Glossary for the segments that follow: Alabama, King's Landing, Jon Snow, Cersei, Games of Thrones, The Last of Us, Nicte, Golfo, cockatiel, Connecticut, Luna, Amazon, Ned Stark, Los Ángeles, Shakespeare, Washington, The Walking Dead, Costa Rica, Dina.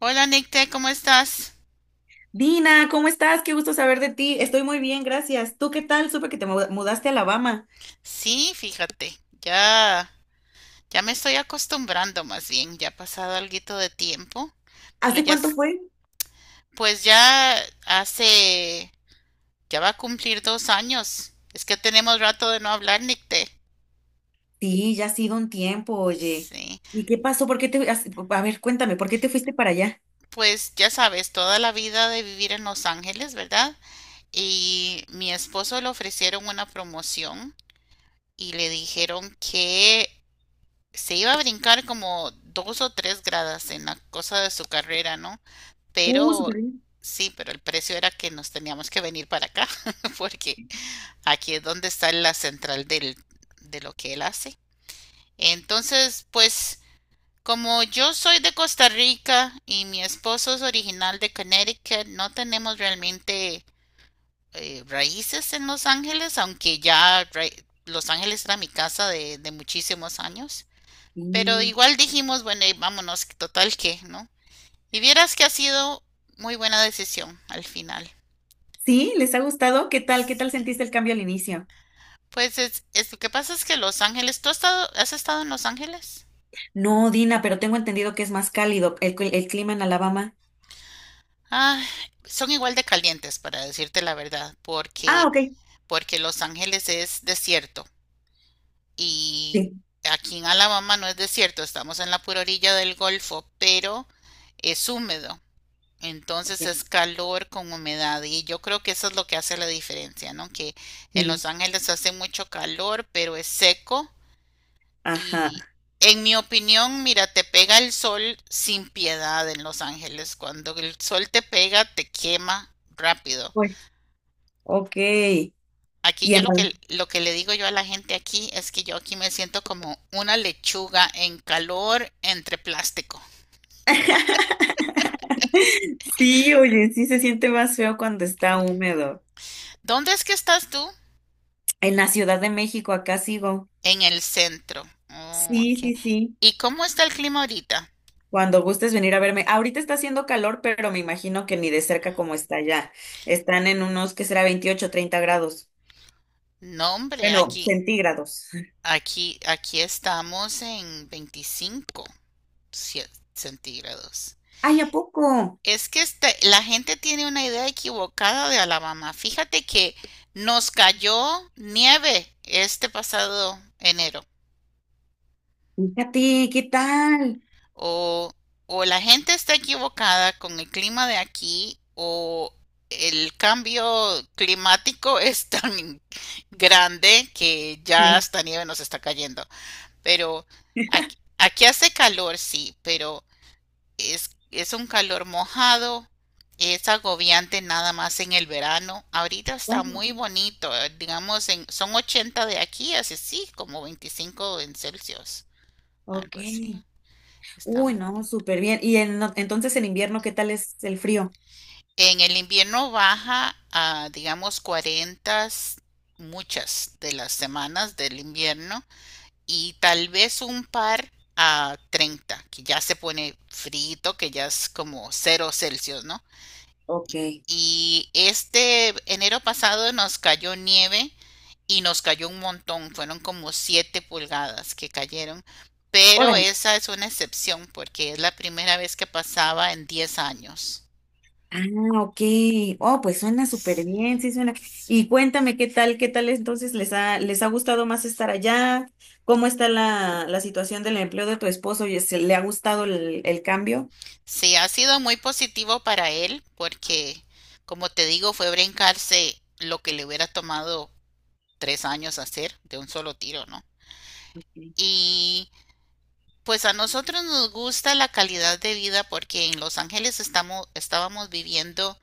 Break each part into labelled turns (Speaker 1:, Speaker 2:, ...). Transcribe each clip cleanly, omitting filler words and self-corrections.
Speaker 1: Hola Nicte, ¿cómo estás?
Speaker 2: Dina, ¿cómo estás? Qué gusto saber de ti. Estoy muy bien, gracias. ¿Tú qué tal? Supe que te mudaste a Alabama.
Speaker 1: Sí, fíjate, ya, ya me estoy acostumbrando más bien, ya ha pasado alguito de tiempo, pero
Speaker 2: ¿Hace
Speaker 1: ya,
Speaker 2: cuánto fue?
Speaker 1: pues ya hace, ya va a cumplir 2 años. Es que tenemos rato de no hablar, Nicte.
Speaker 2: Sí, ya ha sido un tiempo, oye.
Speaker 1: Sí,
Speaker 2: ¿Y qué pasó? ¿Por qué a ver, cuéntame, ¿por qué te fuiste para allá?
Speaker 1: pues ya sabes, toda la vida de vivir en Los Ángeles, ¿verdad? Y mi esposo le ofrecieron una promoción y le dijeron que se iba a brincar como dos o tres gradas en la cosa de su carrera, ¿no? Pero
Speaker 2: Súper bien.
Speaker 1: sí, pero el precio era que nos teníamos que venir para acá, porque aquí es donde está la central del, de lo que él hace. Entonces, pues, como yo soy de Costa Rica y mi esposo es original de Connecticut, no tenemos realmente raíces en Los Ángeles, aunque Los Ángeles era mi casa de muchísimos años. Pero
Speaker 2: Sí.
Speaker 1: igual dijimos, bueno, y vámonos, total que, ¿no? Y vieras que ha sido muy buena decisión al final.
Speaker 2: ¿Sí? ¿Les ha gustado? ¿Qué tal? ¿Qué tal sentiste
Speaker 1: Sí.
Speaker 2: el cambio al inicio?
Speaker 1: Pues lo que pasa es que Los Ángeles, ¿tú has estado en Los Ángeles?
Speaker 2: No, Dina, pero tengo entendido que es más cálido el clima en Alabama.
Speaker 1: Ah, son igual de calientes, para decirte la verdad,
Speaker 2: Ah,
Speaker 1: porque,
Speaker 2: ok.
Speaker 1: porque Los Ángeles es desierto y
Speaker 2: Sí.
Speaker 1: aquí en Alabama no es desierto, estamos en la pura orilla del Golfo, pero es húmedo. Entonces es
Speaker 2: Ok.
Speaker 1: calor con humedad y yo creo que eso es lo que hace la diferencia, ¿no? Que en Los
Speaker 2: Sí.
Speaker 1: Ángeles hace mucho calor, pero es seco
Speaker 2: Ajá.
Speaker 1: y en mi opinión, mira, te pega el sol sin piedad en Los Ángeles. Cuando el sol te pega, te quema rápido.
Speaker 2: Pues. Ok. Y
Speaker 1: Aquí yo
Speaker 2: en
Speaker 1: lo que le digo yo a la gente aquí es que yo aquí me siento como una lechuga en calor entre plástico.
Speaker 2: Sí, oye, sí se siente más feo cuando está húmedo.
Speaker 1: ¿Dónde es que estás tú?
Speaker 2: En la Ciudad de México, acá sigo.
Speaker 1: En el centro. Oh,
Speaker 2: Sí,
Speaker 1: ok.
Speaker 2: sí, sí.
Speaker 1: ¿Y cómo está el clima ahorita?
Speaker 2: Cuando gustes venir a verme. Ahorita está haciendo calor, pero me imagino que ni de cerca como está allá. Están en unos, ¿qué será?, 28, 30 grados.
Speaker 1: No, hombre,
Speaker 2: Bueno,
Speaker 1: aquí,
Speaker 2: centígrados.
Speaker 1: aquí, aquí estamos en 25 centígrados.
Speaker 2: Ay, ¿a poco?
Speaker 1: Es que la gente tiene una idea equivocada de Alabama. Fíjate que nos cayó nieve este pasado enero.
Speaker 2: Fíjate, ¿qué tal?
Speaker 1: O, o la gente está equivocada con el clima de aquí, o el cambio climático es tan grande que ya
Speaker 2: Sí.
Speaker 1: hasta nieve nos está cayendo. Pero aquí, aquí hace calor, sí, pero es un calor mojado, es agobiante nada más en el verano. Ahorita está
Speaker 2: Bueno, ok.
Speaker 1: muy bonito, digamos, son 80 de aquí, así sí, como 25 en Celsius,
Speaker 2: Ok.
Speaker 1: algo así. Está
Speaker 2: Uy,
Speaker 1: muy
Speaker 2: no,
Speaker 1: bonito.
Speaker 2: súper bien. Y entonces en invierno, ¿qué tal es el frío?
Speaker 1: En el invierno baja a, digamos, 40 muchas de las semanas del invierno y tal vez un par a 30, que ya se pone frito, que ya es como 0 Celsius, ¿no?
Speaker 2: Ok.
Speaker 1: Y este enero pasado nos cayó nieve y nos cayó un montón, fueron como 7 pulgadas que cayeron, pero
Speaker 2: Órale.
Speaker 1: esa es una excepción porque es la primera vez que pasaba en 10 años.
Speaker 2: Ah, ok. Oh, pues suena súper bien, sí suena.
Speaker 1: Sí,
Speaker 2: Y cuéntame qué tal entonces les ha gustado más estar allá. ¿Cómo está la, la situación del empleo de tu esposo? ¿Le ha gustado el cambio?
Speaker 1: sí, ha sido muy positivo para él porque, como te digo, fue brincarse lo que le hubiera tomado 3 años hacer de un solo tiro, ¿no?
Speaker 2: Sí.
Speaker 1: Y pues a nosotros nos gusta la calidad de vida porque en Los Ángeles estamos, estábamos viviendo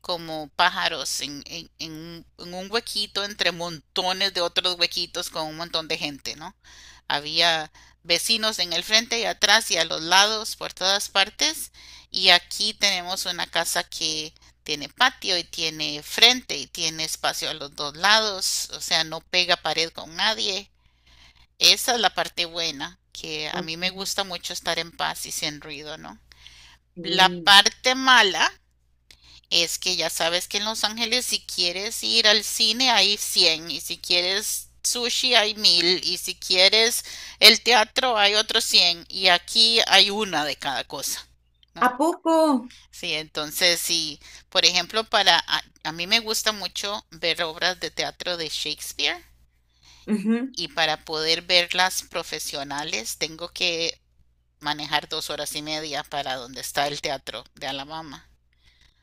Speaker 1: como pájaros en un huequito entre montones de otros huequitos con un montón de gente, ¿no? Había vecinos en el frente y atrás y a los lados, por todas partes. Y aquí tenemos una casa que tiene patio y tiene frente y tiene espacio a los dos lados, o sea, no pega pared con nadie. Esa es la parte buena, que a
Speaker 2: Ok.
Speaker 1: mí me gusta mucho estar en paz y sin ruido, ¿no? La
Speaker 2: Sí.
Speaker 1: parte mala es que ya sabes que en Los Ángeles si quieres ir al cine hay 100 y si quieres sushi hay 1000 y si quieres el teatro hay otros 100 y aquí hay una de cada cosa,
Speaker 2: ¿A
Speaker 1: ¿no?
Speaker 2: poco?
Speaker 1: Sí, entonces si por ejemplo, para a mí me gusta mucho ver obras de teatro de Shakespeare
Speaker 2: Ujú.
Speaker 1: y para poder verlas profesionales tengo que manejar 2 horas y media para donde está el teatro de Alabama.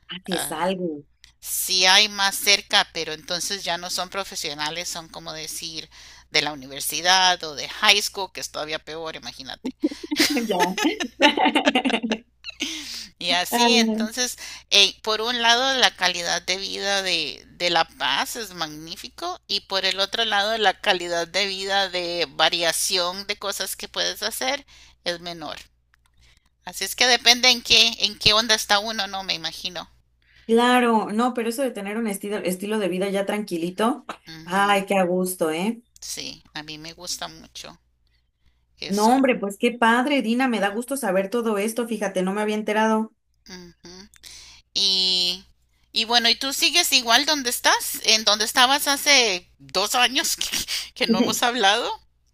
Speaker 2: Ah, sí es
Speaker 1: Ah,
Speaker 2: algo.
Speaker 1: sí hay más cerca, pero entonces ya no son profesionales, son como decir de la universidad o de high school, que es todavía peor, imagínate.
Speaker 2: Ya.
Speaker 1: Y
Speaker 2: Ah.
Speaker 1: así, entonces, por un lado, la calidad de vida de La Paz es magnífico y por el otro lado, la calidad de vida de variación de cosas que puedes hacer es menor. Así es que depende en qué onda está uno, no me imagino.
Speaker 2: Claro, no, pero eso de tener un estilo, estilo de vida ya tranquilito,
Speaker 1: Ujú,
Speaker 2: ay, qué a gusto, ¿eh?
Speaker 1: sí, a mí me gusta mucho
Speaker 2: No,
Speaker 1: eso.
Speaker 2: hombre, pues qué padre, Dina, me da gusto saber todo esto, fíjate, no me había enterado.
Speaker 1: Ujú. Y, y bueno, ¿y tú sigues igual donde estás? ¿En donde estabas hace 2 años que no hemos hablado?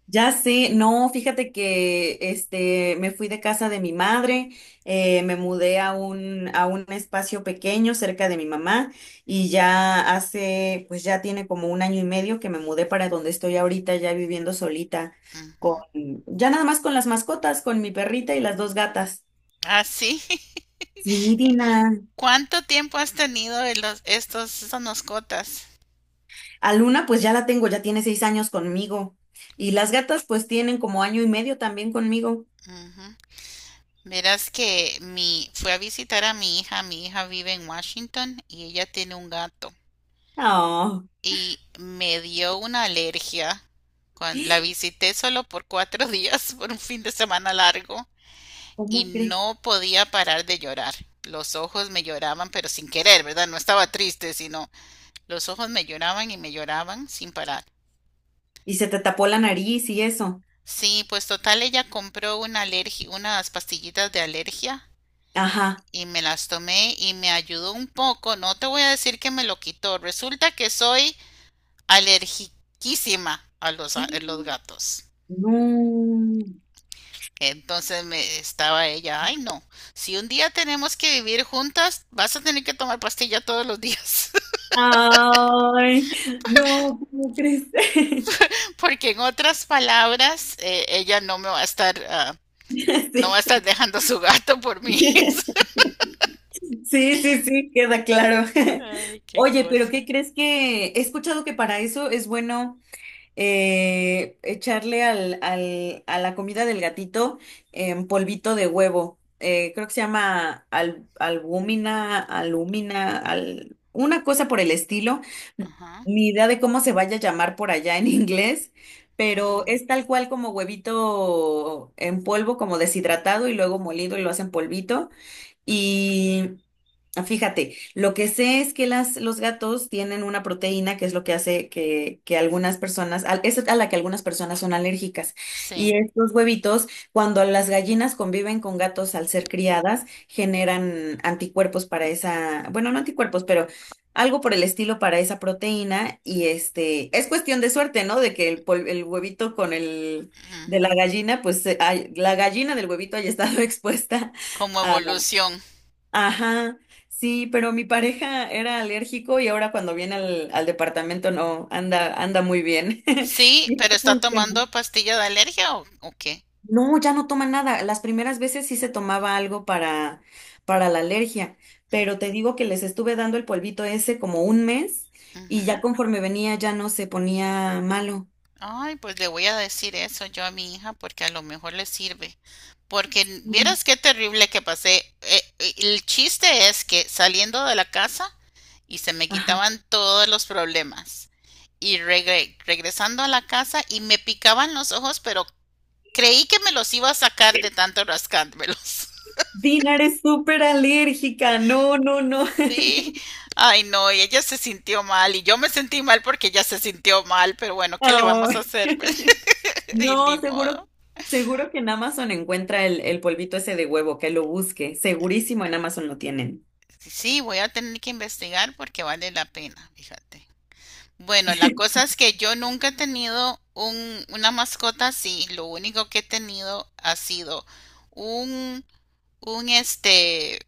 Speaker 2: Ya sé, no, fíjate que este me fui de casa de mi madre, me mudé a un espacio pequeño cerca de mi mamá y ya hace, pues ya tiene como un año y medio que me mudé para donde estoy ahorita, ya viviendo solita con
Speaker 1: Ujú.
Speaker 2: ya nada más con las mascotas, con mi perrita y las dos gatas.
Speaker 1: Ah, sí.
Speaker 2: Sí, Dina.
Speaker 1: ¿Cuánto tiempo has tenido de los, estos, estas mascotas?
Speaker 2: A Luna, pues ya la tengo, ya tiene 6 años conmigo. Y las gatas, pues tienen como año y medio también conmigo.
Speaker 1: Ujú. Verás que fui a visitar a mi hija. Mi hija vive en Washington y ella tiene un gato.
Speaker 2: Oh,
Speaker 1: Y me dio una alergia. Cuando la visité solo por 4 días, por un fin de semana largo, y
Speaker 2: ¿cómo crees?
Speaker 1: no podía parar de llorar. Los ojos me lloraban, pero sin querer, ¿verdad? No estaba triste, sino los ojos me lloraban y me lloraban sin parar.
Speaker 2: Y se te tapó la nariz y eso.
Speaker 1: Sí, pues total ella compró una alergia, unas pastillitas de alergia
Speaker 2: Ajá.
Speaker 1: y me las tomé y me ayudó un poco. No te voy a decir que me lo quitó. Resulta que soy alergiquísima a los
Speaker 2: Y.
Speaker 1: gatos.
Speaker 2: No.
Speaker 1: Entonces me estaba ella, ay no, si un día tenemos que vivir juntas, vas a tener que tomar pastilla todos los días.
Speaker 2: Ay, no, ¿cómo crees?
Speaker 1: Porque en otras palabras, ella no me va a estar, no va a
Speaker 2: Sí.
Speaker 1: estar dejando su gato por mí.
Speaker 2: Sí, sí, sí, queda claro.
Speaker 1: Ay, qué
Speaker 2: Oye, pero
Speaker 1: cosa.
Speaker 2: ¿qué crees?, que he escuchado que para eso es bueno, echarle a la comida del gatito en polvito de huevo. Creo que se llama albúmina, alúmina, una cosa por el estilo.
Speaker 1: Ajá.
Speaker 2: Ni idea de cómo se vaya a llamar por allá en inglés, pero
Speaker 1: Mm,
Speaker 2: es tal cual como huevito en polvo, como deshidratado y luego molido y lo hacen polvito. Ah, fíjate, lo que sé es que los gatos tienen una proteína que es lo que hace que algunas personas, es a la que algunas personas son alérgicas.
Speaker 1: sí.
Speaker 2: Y estos huevitos, cuando las gallinas conviven con gatos al ser criadas, generan anticuerpos para esa, bueno, no anticuerpos, pero algo por el estilo para esa proteína. Y este, es cuestión de suerte, ¿no? De que el huevito con el de la
Speaker 1: Ujú.
Speaker 2: gallina, pues la gallina del huevito haya estado expuesta.
Speaker 1: Como evolución.
Speaker 2: Ajá, sí, pero mi pareja era alérgico y ahora cuando viene al, al departamento no, anda muy bien.
Speaker 1: Sí,
Speaker 2: Y ya
Speaker 1: ¿pero está
Speaker 2: funciona.
Speaker 1: tomando pastilla de alergia o qué?
Speaker 2: No, ya no toma nada. Las primeras veces sí se tomaba algo para la alergia, pero te digo que les estuve dando el polvito ese como un mes y ya
Speaker 1: Ujú.
Speaker 2: conforme venía ya no se ponía malo.
Speaker 1: Ay, pues le voy a decir eso yo a mi hija porque a lo mejor le sirve. Porque
Speaker 2: Ujú.
Speaker 1: vieras qué terrible que pasé. El chiste es que saliendo de la casa y se me
Speaker 2: Ajá.
Speaker 1: quitaban todos los problemas, y regresando a la casa y me picaban los ojos, pero creí que me los iba a sacar de tanto rascármelos.
Speaker 2: Dinar es súper alérgica, no, no, no.
Speaker 1: Sí. Ay, no, y ella se sintió mal y yo me sentí mal porque ella se sintió mal, pero bueno, ¿qué le vamos a
Speaker 2: Ay.
Speaker 1: hacer? Y ni
Speaker 2: No, seguro,
Speaker 1: modo.
Speaker 2: seguro que en Amazon encuentra el polvito ese de huevo, que lo busque. Segurísimo en Amazon lo tienen.
Speaker 1: Sí, voy a tener que investigar porque vale la pena, fíjate. Bueno, la cosa es que yo nunca he tenido una mascota así. Lo único que he tenido ha sido un, un este,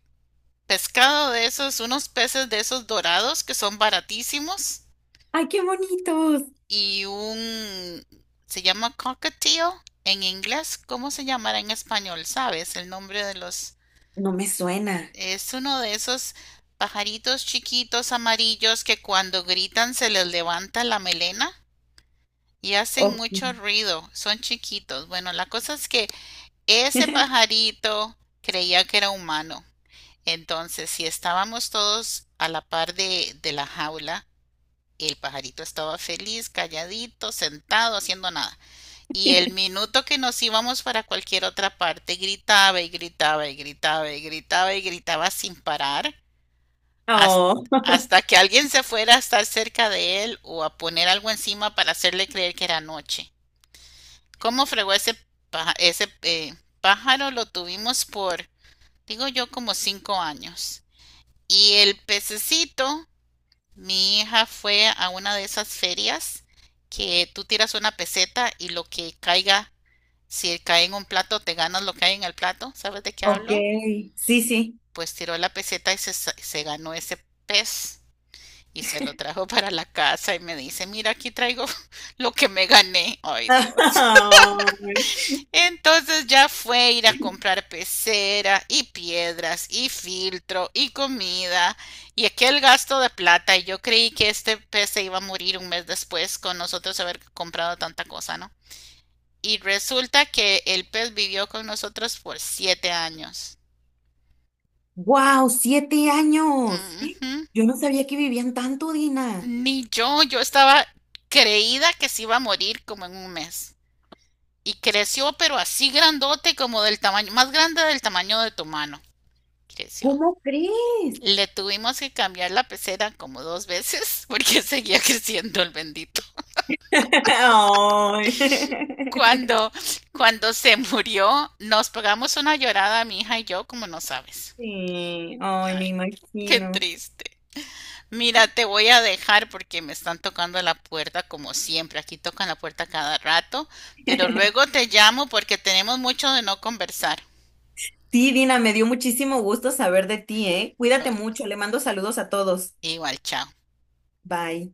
Speaker 1: pescado de esos, unos peces de esos dorados que son baratísimos
Speaker 2: ¡Ay, qué bonitos!
Speaker 1: y se llama cockatiel en inglés, ¿cómo se llamará en español? ¿Sabes el nombre de los?
Speaker 2: No me suena.
Speaker 1: Es uno de esos pajaritos chiquitos amarillos que cuando gritan se les levanta la melena y hacen
Speaker 2: Ok.
Speaker 1: mucho ruido, son chiquitos. Bueno, la cosa es que ese pajarito creía que era humano. Entonces, si estábamos todos a la par de la jaula, el pajarito estaba feliz, calladito, sentado, haciendo nada. Y el minuto que nos íbamos para cualquier otra parte, gritaba y gritaba y gritaba y gritaba y gritaba sin parar hasta,
Speaker 2: Oh,
Speaker 1: hasta que alguien se fuera a estar cerca de él o a poner algo encima para hacerle creer que era noche. ¿Cómo fregó ese, paja- ese eh, pájaro? Lo tuvimos por, digo yo, como 5 años. Y el pececito. Mi hija fue a una de esas ferias que tú tiras una peseta y lo que caiga, si cae en un plato, te ganas lo que hay en el plato. ¿Sabes de qué
Speaker 2: ok.
Speaker 1: hablo?
Speaker 2: Sí, sí.
Speaker 1: Pues tiró la peseta y se ganó ese pez y se lo trajo para la casa y me dice, mira, aquí traigo lo que me gané. Ay, Dios. Entonces ya fue ir a comprar pecera y piedras y filtro y comida y aquel gasto de plata. Y yo creí que este pez se iba a morir un mes después con nosotros haber comprado tanta cosa, ¿no? Y resulta que el pez vivió con nosotros por 7 años.
Speaker 2: ¡Wow! ¡7 años! ¡Eh!
Speaker 1: Ujú.
Speaker 2: Yo no sabía que vivían tanto, Dina.
Speaker 1: Ni yo estaba creída que se iba a morir como en un mes. Y creció, pero así grandote como del tamaño, más grande del tamaño de tu mano. Creció.
Speaker 2: ¿Cómo crees?
Speaker 1: Le tuvimos que cambiar la pecera como 2 veces porque seguía creciendo el bendito.
Speaker 2: Ay.
Speaker 1: Cuando, cuando se murió, nos pegamos una llorada, mi hija y yo, como no sabes.
Speaker 2: Sí, ay, me
Speaker 1: Ay, qué
Speaker 2: imagino.
Speaker 1: triste. Mira, te voy a dejar porque me están tocando la puerta como siempre. Aquí tocan la puerta cada rato, pero luego te llamo porque tenemos mucho de no conversar.
Speaker 2: Sí, Dina, me dio muchísimo gusto saber de ti, ¿eh? Cuídate
Speaker 1: Ay,
Speaker 2: mucho, le mando saludos a todos.
Speaker 1: igual, chao.
Speaker 2: Bye.